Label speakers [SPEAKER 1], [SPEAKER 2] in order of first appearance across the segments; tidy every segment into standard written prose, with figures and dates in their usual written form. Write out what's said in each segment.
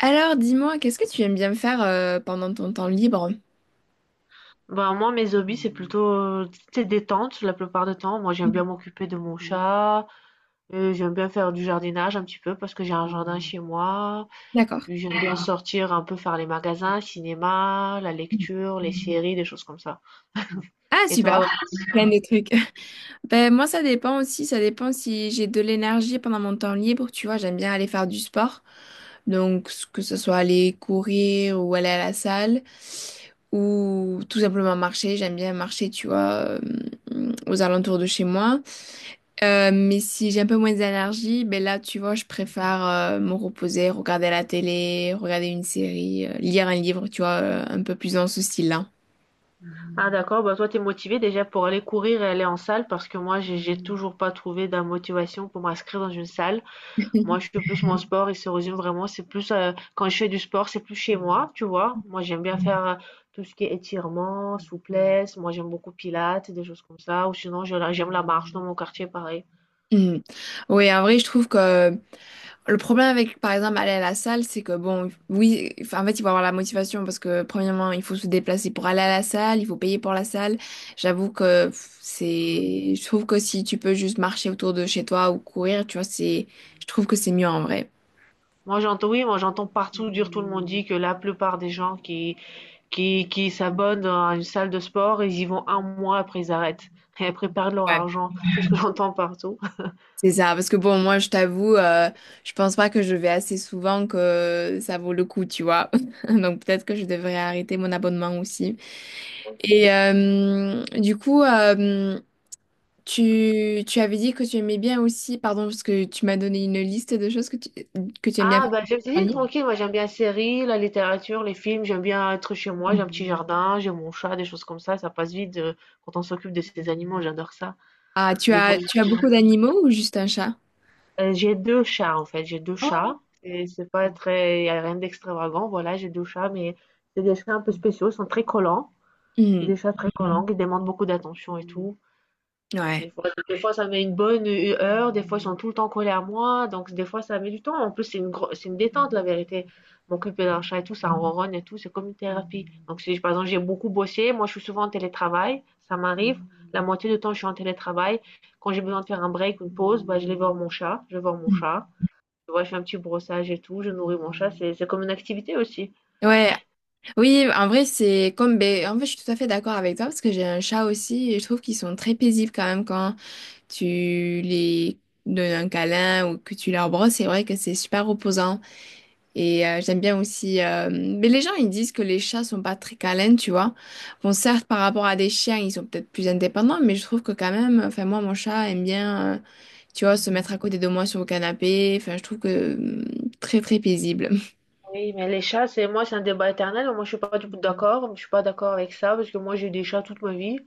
[SPEAKER 1] Alors, dis-moi, qu'est-ce que tu aimes bien faire pendant ton temps libre?
[SPEAKER 2] Bah, moi, mes hobbies, c'est plutôt, tu détente la plupart du temps. Moi, j'aime bien m'occuper de mon chat. J'aime bien faire du jardinage un petit peu parce que j'ai un jardin chez moi.
[SPEAKER 1] D'accord.
[SPEAKER 2] Puis j'aime bien sortir un peu faire les magasins, cinéma, la lecture, les séries, des choses comme ça.
[SPEAKER 1] Ah,
[SPEAKER 2] Et
[SPEAKER 1] super,
[SPEAKER 2] toi?
[SPEAKER 1] bon. Plein de trucs. Ben, moi, ça dépend aussi. Ça dépend si j'ai de l'énergie pendant mon temps libre. Tu vois, j'aime bien aller faire du sport. Donc, que ce soit aller courir ou aller à la salle ou tout simplement marcher. J'aime bien marcher, tu vois, aux alentours de chez moi. Mais si j'ai un peu moins d'énergie, ben là, tu vois, je préfère me reposer, regarder la télé, regarder une série, lire un livre, tu vois, un peu plus dans ce style-là.
[SPEAKER 2] Ah d'accord, bah toi t'es motivée déjà pour aller courir et aller en salle parce que moi j'ai toujours pas trouvé de motivation pour m'inscrire dans une salle. Moi, je fais plus mon sport, il se résume vraiment, c'est plus quand je fais du sport, c'est plus chez moi, tu vois. Moi, j'aime bien faire tout ce qui est étirement, souplesse. Moi, j'aime beaucoup pilates, des choses comme ça. Ou sinon, j'aime la marche dans mon quartier, pareil.
[SPEAKER 1] Mhm. Oui, en vrai, je trouve que le problème avec, par exemple, aller à la salle, c'est que bon, oui, enfin, en fait, il faut avoir la motivation parce que, premièrement, il faut se déplacer pour aller à la salle, il faut payer pour la salle. J'avoue que pff, c'est, je trouve que si tu peux juste marcher autour de chez toi ou courir, tu vois, c'est, je trouve que c'est mieux en vrai.
[SPEAKER 2] Moi, j'entends, oui, moi, j'entends partout dire, tout le monde dit que la plupart des gens qui s'abonnent à une salle de sport, ils y vont un mois après, ils arrêtent. Et après, ils perdent leur
[SPEAKER 1] Ouais.
[SPEAKER 2] argent. C'est ce que j'entends partout.
[SPEAKER 1] C'est ça, parce que bon, moi, je t'avoue, je pense pas que je vais assez souvent que ça vaut le coup, tu vois. Donc peut-être que je devrais arrêter mon abonnement aussi. Et du coup, tu avais dit que tu aimais bien aussi, pardon, parce que tu m'as donné une liste de choses que que tu aimes bien
[SPEAKER 2] Ah,
[SPEAKER 1] faire.
[SPEAKER 2] bah, je me suis dit, tranquille, moi j'aime bien les séries, la littérature, les films, j'aime bien être chez moi, j'ai un petit jardin, j'ai mon chat, des choses comme ça passe vite quand on s'occupe de ces animaux, j'adore ça.
[SPEAKER 1] Ah,
[SPEAKER 2] Des fois,
[SPEAKER 1] tu as beaucoup d'animaux ou juste un chat?
[SPEAKER 2] j'ai deux chats en fait, j'ai deux
[SPEAKER 1] Oh.
[SPEAKER 2] chats, et c'est pas très, y a rien d'extravagant, voilà, j'ai deux chats, mais c'est des chats un peu spéciaux, ils sont très collants, c'est
[SPEAKER 1] Mhm.
[SPEAKER 2] des chats très collants qui demandent beaucoup d'attention et tout. Donc
[SPEAKER 1] Ouais.
[SPEAKER 2] des fois ça met une bonne, heure, des fois ils sont tout le temps collés à moi, donc des fois ça met du temps. En plus, c'est une gros c'est une détente la vérité. M'occuper d'un chat et tout, ça ronronne et tout, c'est comme une thérapie. Donc si par exemple j'ai beaucoup bossé, moi je suis souvent en télétravail, ça m'arrive. La moitié du temps je suis en télétravail. Quand j'ai besoin de faire un break, une pause, bah, je vais voir mon chat, je vais voir mon
[SPEAKER 1] Mhm.
[SPEAKER 2] chat. Tu vois, je fais un petit brossage et tout, je nourris mon chat, c'est comme une activité aussi.
[SPEAKER 1] Ouais. Oui, en vrai, c'est comme, ben, en fait, je suis tout à fait d'accord avec toi parce que j'ai un chat aussi et je trouve qu'ils sont très paisibles quand même quand tu les donnes un câlin ou que tu leur brosses. C'est vrai que c'est super reposant. Et j'aime bien aussi. Mais les gens, ils disent que les chats sont pas très câlins, tu vois. Bon, certes, par rapport à des chiens, ils sont peut-être plus indépendants, mais je trouve que quand même, enfin, moi, mon chat aime bien, tu vois, se mettre à côté de moi sur le canapé. Enfin, je trouve que très, très paisible.
[SPEAKER 2] Oui, mais les chats, c'est moi c'est un débat éternel, moi je suis pas du tout d'accord, je suis pas d'accord avec ça parce que moi j'ai eu des chats toute ma vie.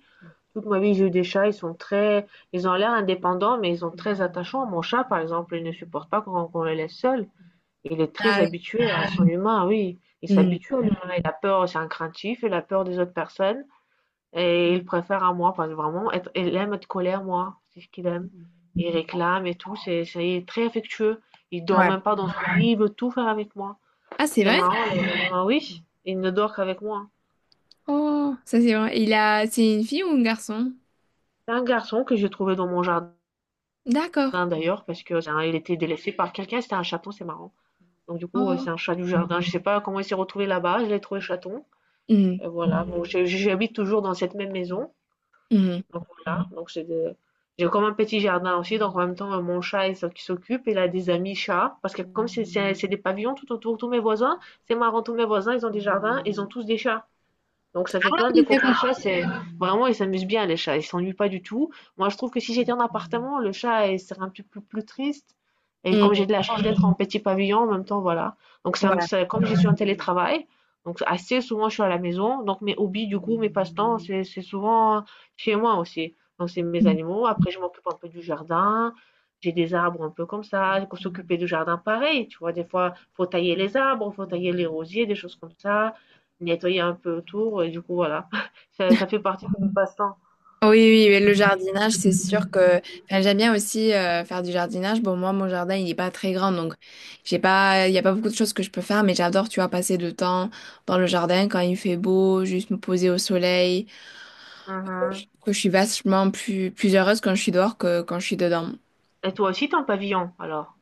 [SPEAKER 2] Toute ma vie, j'ai eu des chats, ils sont très ils ont l'air indépendants, mais ils sont très attachants. Mon chat, par exemple, il ne supporte pas qu'on le laisse seul. Il est très
[SPEAKER 1] Ah,
[SPEAKER 2] habitué à son humain, oui. Il
[SPEAKER 1] oui.
[SPEAKER 2] s'habitue à l'humain. Il a peur, c'est un craintif, il a peur des autres personnes. Et il préfère à moi, parce que vraiment, être, il aime être colère moi. C'est ce qu'il aime. Il réclame et tout. Il est très affectueux. Il
[SPEAKER 1] Hmm.
[SPEAKER 2] dort
[SPEAKER 1] Ouais.
[SPEAKER 2] même pas dans son lit, il veut tout faire avec moi.
[SPEAKER 1] Ah, c'est
[SPEAKER 2] C'est
[SPEAKER 1] vrai?
[SPEAKER 2] marrant, oui, il ne dort qu'avec moi.
[SPEAKER 1] Oh, ça, c'est vrai. Il a... C'est une fille ou un garçon?
[SPEAKER 2] C'est un garçon que j'ai trouvé dans mon jardin.
[SPEAKER 1] D'accord.
[SPEAKER 2] Jardin d'ailleurs, parce que hein, il était délaissé par quelqu'un, c'était un chaton, c'est marrant. Donc du coup,
[SPEAKER 1] Oh.
[SPEAKER 2] c'est un chat du jardin. Je sais pas comment il s'est retrouvé là-bas, je l'ai trouvé chaton.
[SPEAKER 1] Hmm.
[SPEAKER 2] Et voilà, bon, j'habite toujours dans cette même maison.
[SPEAKER 1] Hmm.
[SPEAKER 2] Donc voilà, donc j'ai comme un petit jardin aussi, donc en même temps, mon chat qui s'occupe, il a des amis chats, parce que comme c'est des pavillons tout autour, tous mes voisins, c'est marrant, tous mes voisins, ils ont des jardins, ils ont tous des chats. Donc ça fait
[SPEAKER 1] Ah
[SPEAKER 2] plein de
[SPEAKER 1] oui,
[SPEAKER 2] déco
[SPEAKER 1] d'accord.
[SPEAKER 2] chats. C'est vraiment ils s'amusent bien les chats, ils s'ennuient pas du tout. Moi je trouve que si j'étais en appartement, le chat il serait un petit peu plus triste. Et comme
[SPEAKER 1] Hmm.
[SPEAKER 2] j'ai de la chance d'être en petit pavillon en même temps, voilà. Donc
[SPEAKER 1] Voilà.
[SPEAKER 2] comme je suis en télétravail, donc assez souvent je suis à la maison. Donc mes hobbies du coup, mes passe-temps, c'est souvent chez moi aussi. Donc c'est mes animaux. Après je m'occupe un peu du jardin. J'ai des arbres un peu comme ça. Il faut s'occuper du jardin pareil. Tu vois, des fois faut tailler les arbres, faut tailler les rosiers, des choses comme ça nettoyer un peu autour et du coup voilà, ça fait partie de mon passe-temps.
[SPEAKER 1] Oui, oui, mais le jardinage, c'est sûr que enfin, j'aime bien aussi faire du jardinage. Bon, moi, mon jardin, il n'est pas très grand, donc j'ai pas, il n'y a pas beaucoup de choses que je peux faire, mais j'adore, tu vois, passer du temps dans le jardin quand il fait beau, juste me poser au soleil.
[SPEAKER 2] Mhm.
[SPEAKER 1] Que je suis vachement plus heureuse quand je suis dehors que quand je suis dedans.
[SPEAKER 2] Et toi aussi, t'es en pavillon alors?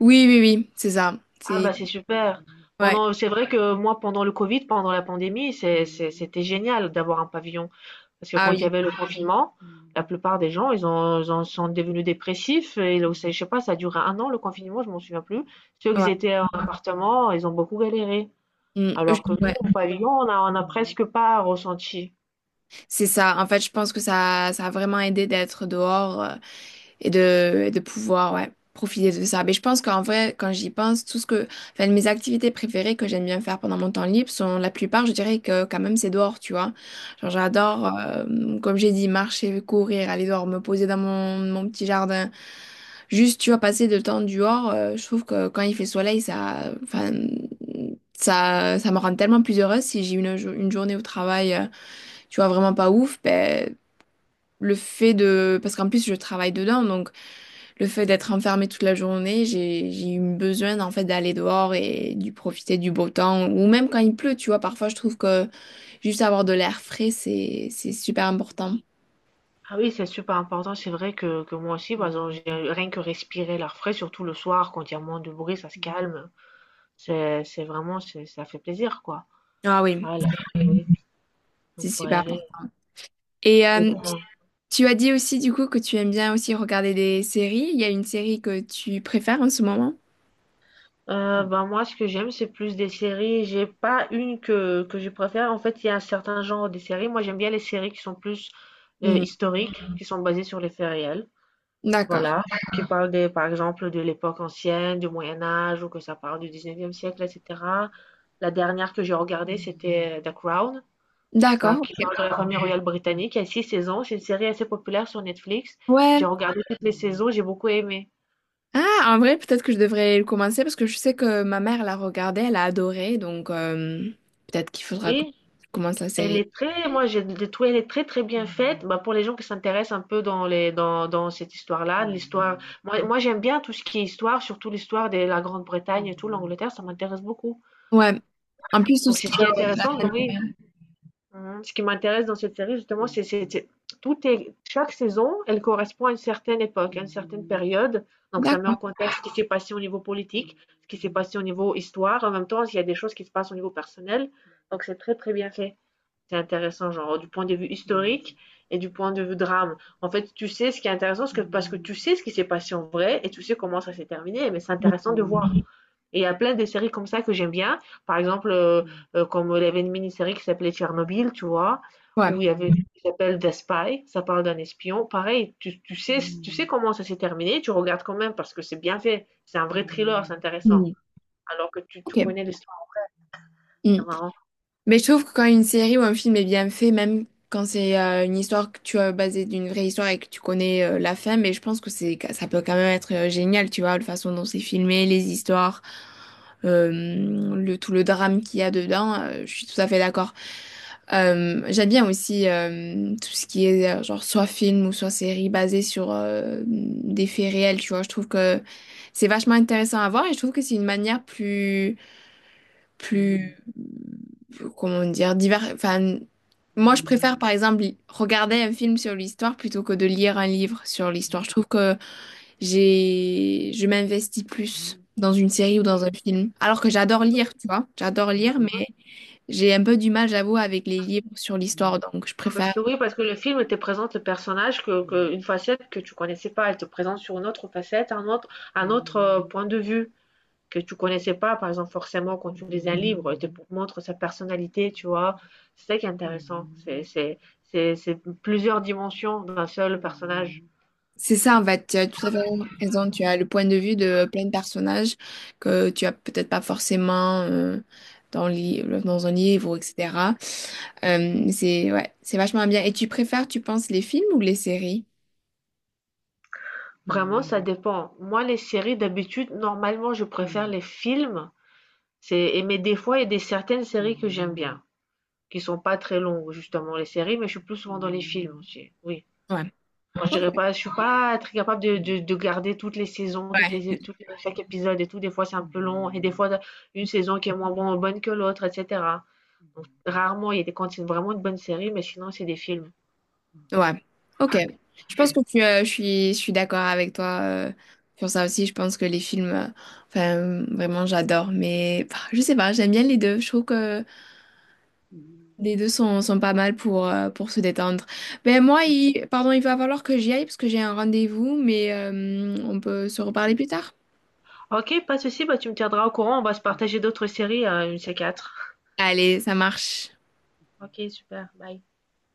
[SPEAKER 1] Oui, oui, oui, c'est ça.
[SPEAKER 2] Ah
[SPEAKER 1] C'est
[SPEAKER 2] bah c'est super.
[SPEAKER 1] ouais.
[SPEAKER 2] Pendant, c'est vrai que moi pendant le Covid, pendant la pandémie, c'était génial d'avoir un pavillon parce que
[SPEAKER 1] Ah
[SPEAKER 2] quand il y
[SPEAKER 1] oui.
[SPEAKER 2] avait le confinement, la plupart des gens ils ont, ils en sont devenus dépressifs et là, je sais pas, ça a duré 1 an le confinement, je m'en souviens plus. Ceux
[SPEAKER 1] Ouais.
[SPEAKER 2] qui étaient en appartement, ils ont beaucoup galéré.
[SPEAKER 1] Mm,
[SPEAKER 2] Alors que nous,
[SPEAKER 1] ouais.
[SPEAKER 2] au pavillon, on a presque pas ressenti.
[SPEAKER 1] C'est ça. En fait, je pense que ça a vraiment aidé d'être dehors. Et et de pouvoir ouais, profiter de ça. Mais je pense qu'en vrai, quand j'y pense, enfin, mes activités préférées que j'aime bien faire pendant mon temps libre sont la plupart, je dirais que quand même c'est dehors, tu vois. Genre j'adore, comme j'ai dit, marcher, courir, aller dehors, me poser dans mon petit jardin. Juste, tu vois, passer le temps dehors, je trouve que quand il fait soleil, ça, enfin, ça me rend tellement plus heureuse si j'ai une journée au travail, tu vois, vraiment pas ouf, ben, le fait de... Parce qu'en plus, je travaille dedans, donc le fait d'être enfermée toute la journée, j'ai eu besoin en fait d'aller dehors et du profiter du beau temps ou même quand il pleut, tu vois, parfois je trouve que juste avoir de l'air frais, c'est super important.
[SPEAKER 2] Ah oui, c'est super important. C'est vrai que moi aussi, par exemple, rien que respirer l'air frais, surtout le soir, quand il y a moins de bruit, ça se calme. Ça fait plaisir, quoi.
[SPEAKER 1] Ah oui,
[SPEAKER 2] Voilà. L'air oui. On
[SPEAKER 1] c'est
[SPEAKER 2] peut
[SPEAKER 1] super
[SPEAKER 2] aérer.
[SPEAKER 1] important. Et
[SPEAKER 2] Du coup, moi,
[SPEAKER 1] tu as dit aussi du coup que tu aimes bien aussi regarder des séries. Il y a une série que tu préfères en ce moment?
[SPEAKER 2] bah, moi, ce que j'aime, c'est plus des séries. J'ai pas une que je préfère. En fait, il y a un certain genre de séries. Moi, j'aime bien les séries qui sont plus
[SPEAKER 1] Hmm.
[SPEAKER 2] historiques, qui sont basées sur les faits réels.
[SPEAKER 1] D'accord.
[SPEAKER 2] Voilà, qui parle des par exemple, de l'époque ancienne, du Moyen Âge ou que ça parle du 19e siècle et cetera. La dernière que j'ai regardée, c'était The Crown, ça
[SPEAKER 1] D'accord.
[SPEAKER 2] qui
[SPEAKER 1] Ok.
[SPEAKER 2] parle de la famille royale britannique. Il y a 6 saisons, c'est une série assez populaire sur Netflix. J'ai
[SPEAKER 1] Ouais.
[SPEAKER 2] regardé toutes les saisons, j'ai beaucoup aimé.
[SPEAKER 1] Ah, en vrai, peut-être que je devrais le commencer parce que je sais que ma mère l'a regardé, elle a adoré, donc peut-être qu'il faudra que
[SPEAKER 2] Oui,
[SPEAKER 1] je commence la
[SPEAKER 2] elle
[SPEAKER 1] série.
[SPEAKER 2] est très, moi j'ai de tout, elle est très très bien faite. Bah, pour les gens qui s'intéressent un peu dans cette histoire-là, l'histoire. Moi, j'aime bien tout ce qui est histoire, surtout l'histoire de la Grande-Bretagne et tout, l'Angleterre, ça m'intéresse beaucoup.
[SPEAKER 1] Ouais. En plus, tout
[SPEAKER 2] Donc
[SPEAKER 1] ce
[SPEAKER 2] c'est
[SPEAKER 1] qui
[SPEAKER 2] ce qui est
[SPEAKER 1] est la
[SPEAKER 2] intéressant.
[SPEAKER 1] famille.
[SPEAKER 2] Donc, oui,
[SPEAKER 1] Ouais.
[SPEAKER 2] Mhm. Ce qui m'intéresse dans cette série, justement, tout est, chaque saison, elle correspond à une certaine époque, à une certaine période. Donc, ça met en
[SPEAKER 1] D'accord.
[SPEAKER 2] contexte ce qui s'est passé au niveau politique, ce qui s'est passé au niveau histoire. En même temps, il y a des choses qui se passent au niveau personnel. Donc, c'est très, très bien fait. C'est intéressant, genre, du point de vue historique et du point de vue drame. En fait, tu sais ce qui est intéressant, parce que tu sais ce qui s'est passé en vrai et tu sais comment ça s'est terminé, mais c'est
[SPEAKER 1] Mm.
[SPEAKER 2] intéressant de voir. Et il y a plein de séries comme ça que j'aime bien. Par exemple, comme il y avait une mini-série qui s'appelait Tchernobyl, tu vois,
[SPEAKER 1] Ouais.
[SPEAKER 2] où il y avait une Mhm. qui s'appelle The Spy, ça parle d'un espion. Pareil, tu sais comment ça s'est terminé, tu regardes quand même parce que c'est bien fait. C'est un vrai thriller, c'est intéressant.
[SPEAKER 1] Mm.
[SPEAKER 2] Alors que
[SPEAKER 1] Ok.
[SPEAKER 2] tu connais l'histoire,
[SPEAKER 1] Mm.
[SPEAKER 2] c'est marrant.
[SPEAKER 1] Mais je trouve que quand une série ou un film est bien fait, même quand c'est une histoire que tu as basée d'une vraie histoire et que tu connais la fin, mais je pense que c'est ça peut quand même être génial, tu vois, la façon dont c'est filmé, les histoires, euh, le tout le drame qu'il y a dedans, je suis tout à fait d'accord. J'aime bien aussi tout ce qui est genre soit film ou soit série basée sur des faits réels, tu vois. Je trouve que c'est vachement intéressant à voir et je trouve que c'est une manière plus, comment dire, divers. Enfin, moi, je préfère, par exemple, regarder un film sur l'histoire plutôt que de lire un livre sur l'histoire. Je trouve que je m'investis plus dans une série ou dans
[SPEAKER 2] Oui.
[SPEAKER 1] un film. Alors que j'adore lire, tu vois. J'adore lire, mais j'ai un peu du mal, j'avoue, avec les livres sur l'histoire. Donc, je
[SPEAKER 2] Parce
[SPEAKER 1] préfère.
[SPEAKER 2] que oui, parce que le film te présente le personnage une facette que tu connaissais pas, elle te présente sur une autre facette, un autre point de vue. Que tu connaissais pas, par exemple, forcément, quand tu lis un livre, il te montre sa personnalité, tu vois. C'est ça qui est intéressant. C'est plusieurs dimensions d'un seul personnage.
[SPEAKER 1] C'est ça, en fait, tu as tout à fait raison. Tu as le point de vue de plein de personnages que tu as peut-être pas forcément dans un livre, etc. Mais c'est ouais, c'est vachement bien. Et tu préfères, tu penses, les films ou les séries?
[SPEAKER 2] Vraiment, ça dépend. Moi, les séries, d'habitude, normalement, je préfère les films. C'est, et mais des fois, il y a des certaines séries que j'aime bien, qui sont pas très longues, justement, les séries, mais je suis plus souvent dans les films aussi. Oui.
[SPEAKER 1] Ouais.
[SPEAKER 2] Moi, je dirais
[SPEAKER 1] Ok.
[SPEAKER 2] pas, je suis pas très capable de garder toutes les saisons,
[SPEAKER 1] Ouais.
[SPEAKER 2] chaque épisode et tout. Des fois, c'est un peu long et des fois, une saison qui est moins bonne que l'autre, etc. Donc, rarement, il y a des quand c'est vraiment une bonne série, mais sinon, c'est des films.
[SPEAKER 1] Ouais. Ok. Je pense que je suis d'accord avec toi sur ça aussi. Je pense que les films, enfin, vraiment, j'adore. Mais bah, je sais pas, j'aime bien les deux. Je trouve que les deux sont pas mal pour se détendre. Ben moi,
[SPEAKER 2] Oui.
[SPEAKER 1] pardon, il va falloir que j'y aille parce que j'ai un rendez-vous, mais on peut se reparler plus tard.
[SPEAKER 2] Ok, pas de souci, bah, tu me tiendras au courant. On va se partager d'autres séries, une c quatre
[SPEAKER 1] Allez, ça marche.
[SPEAKER 2] Ok, super, bye.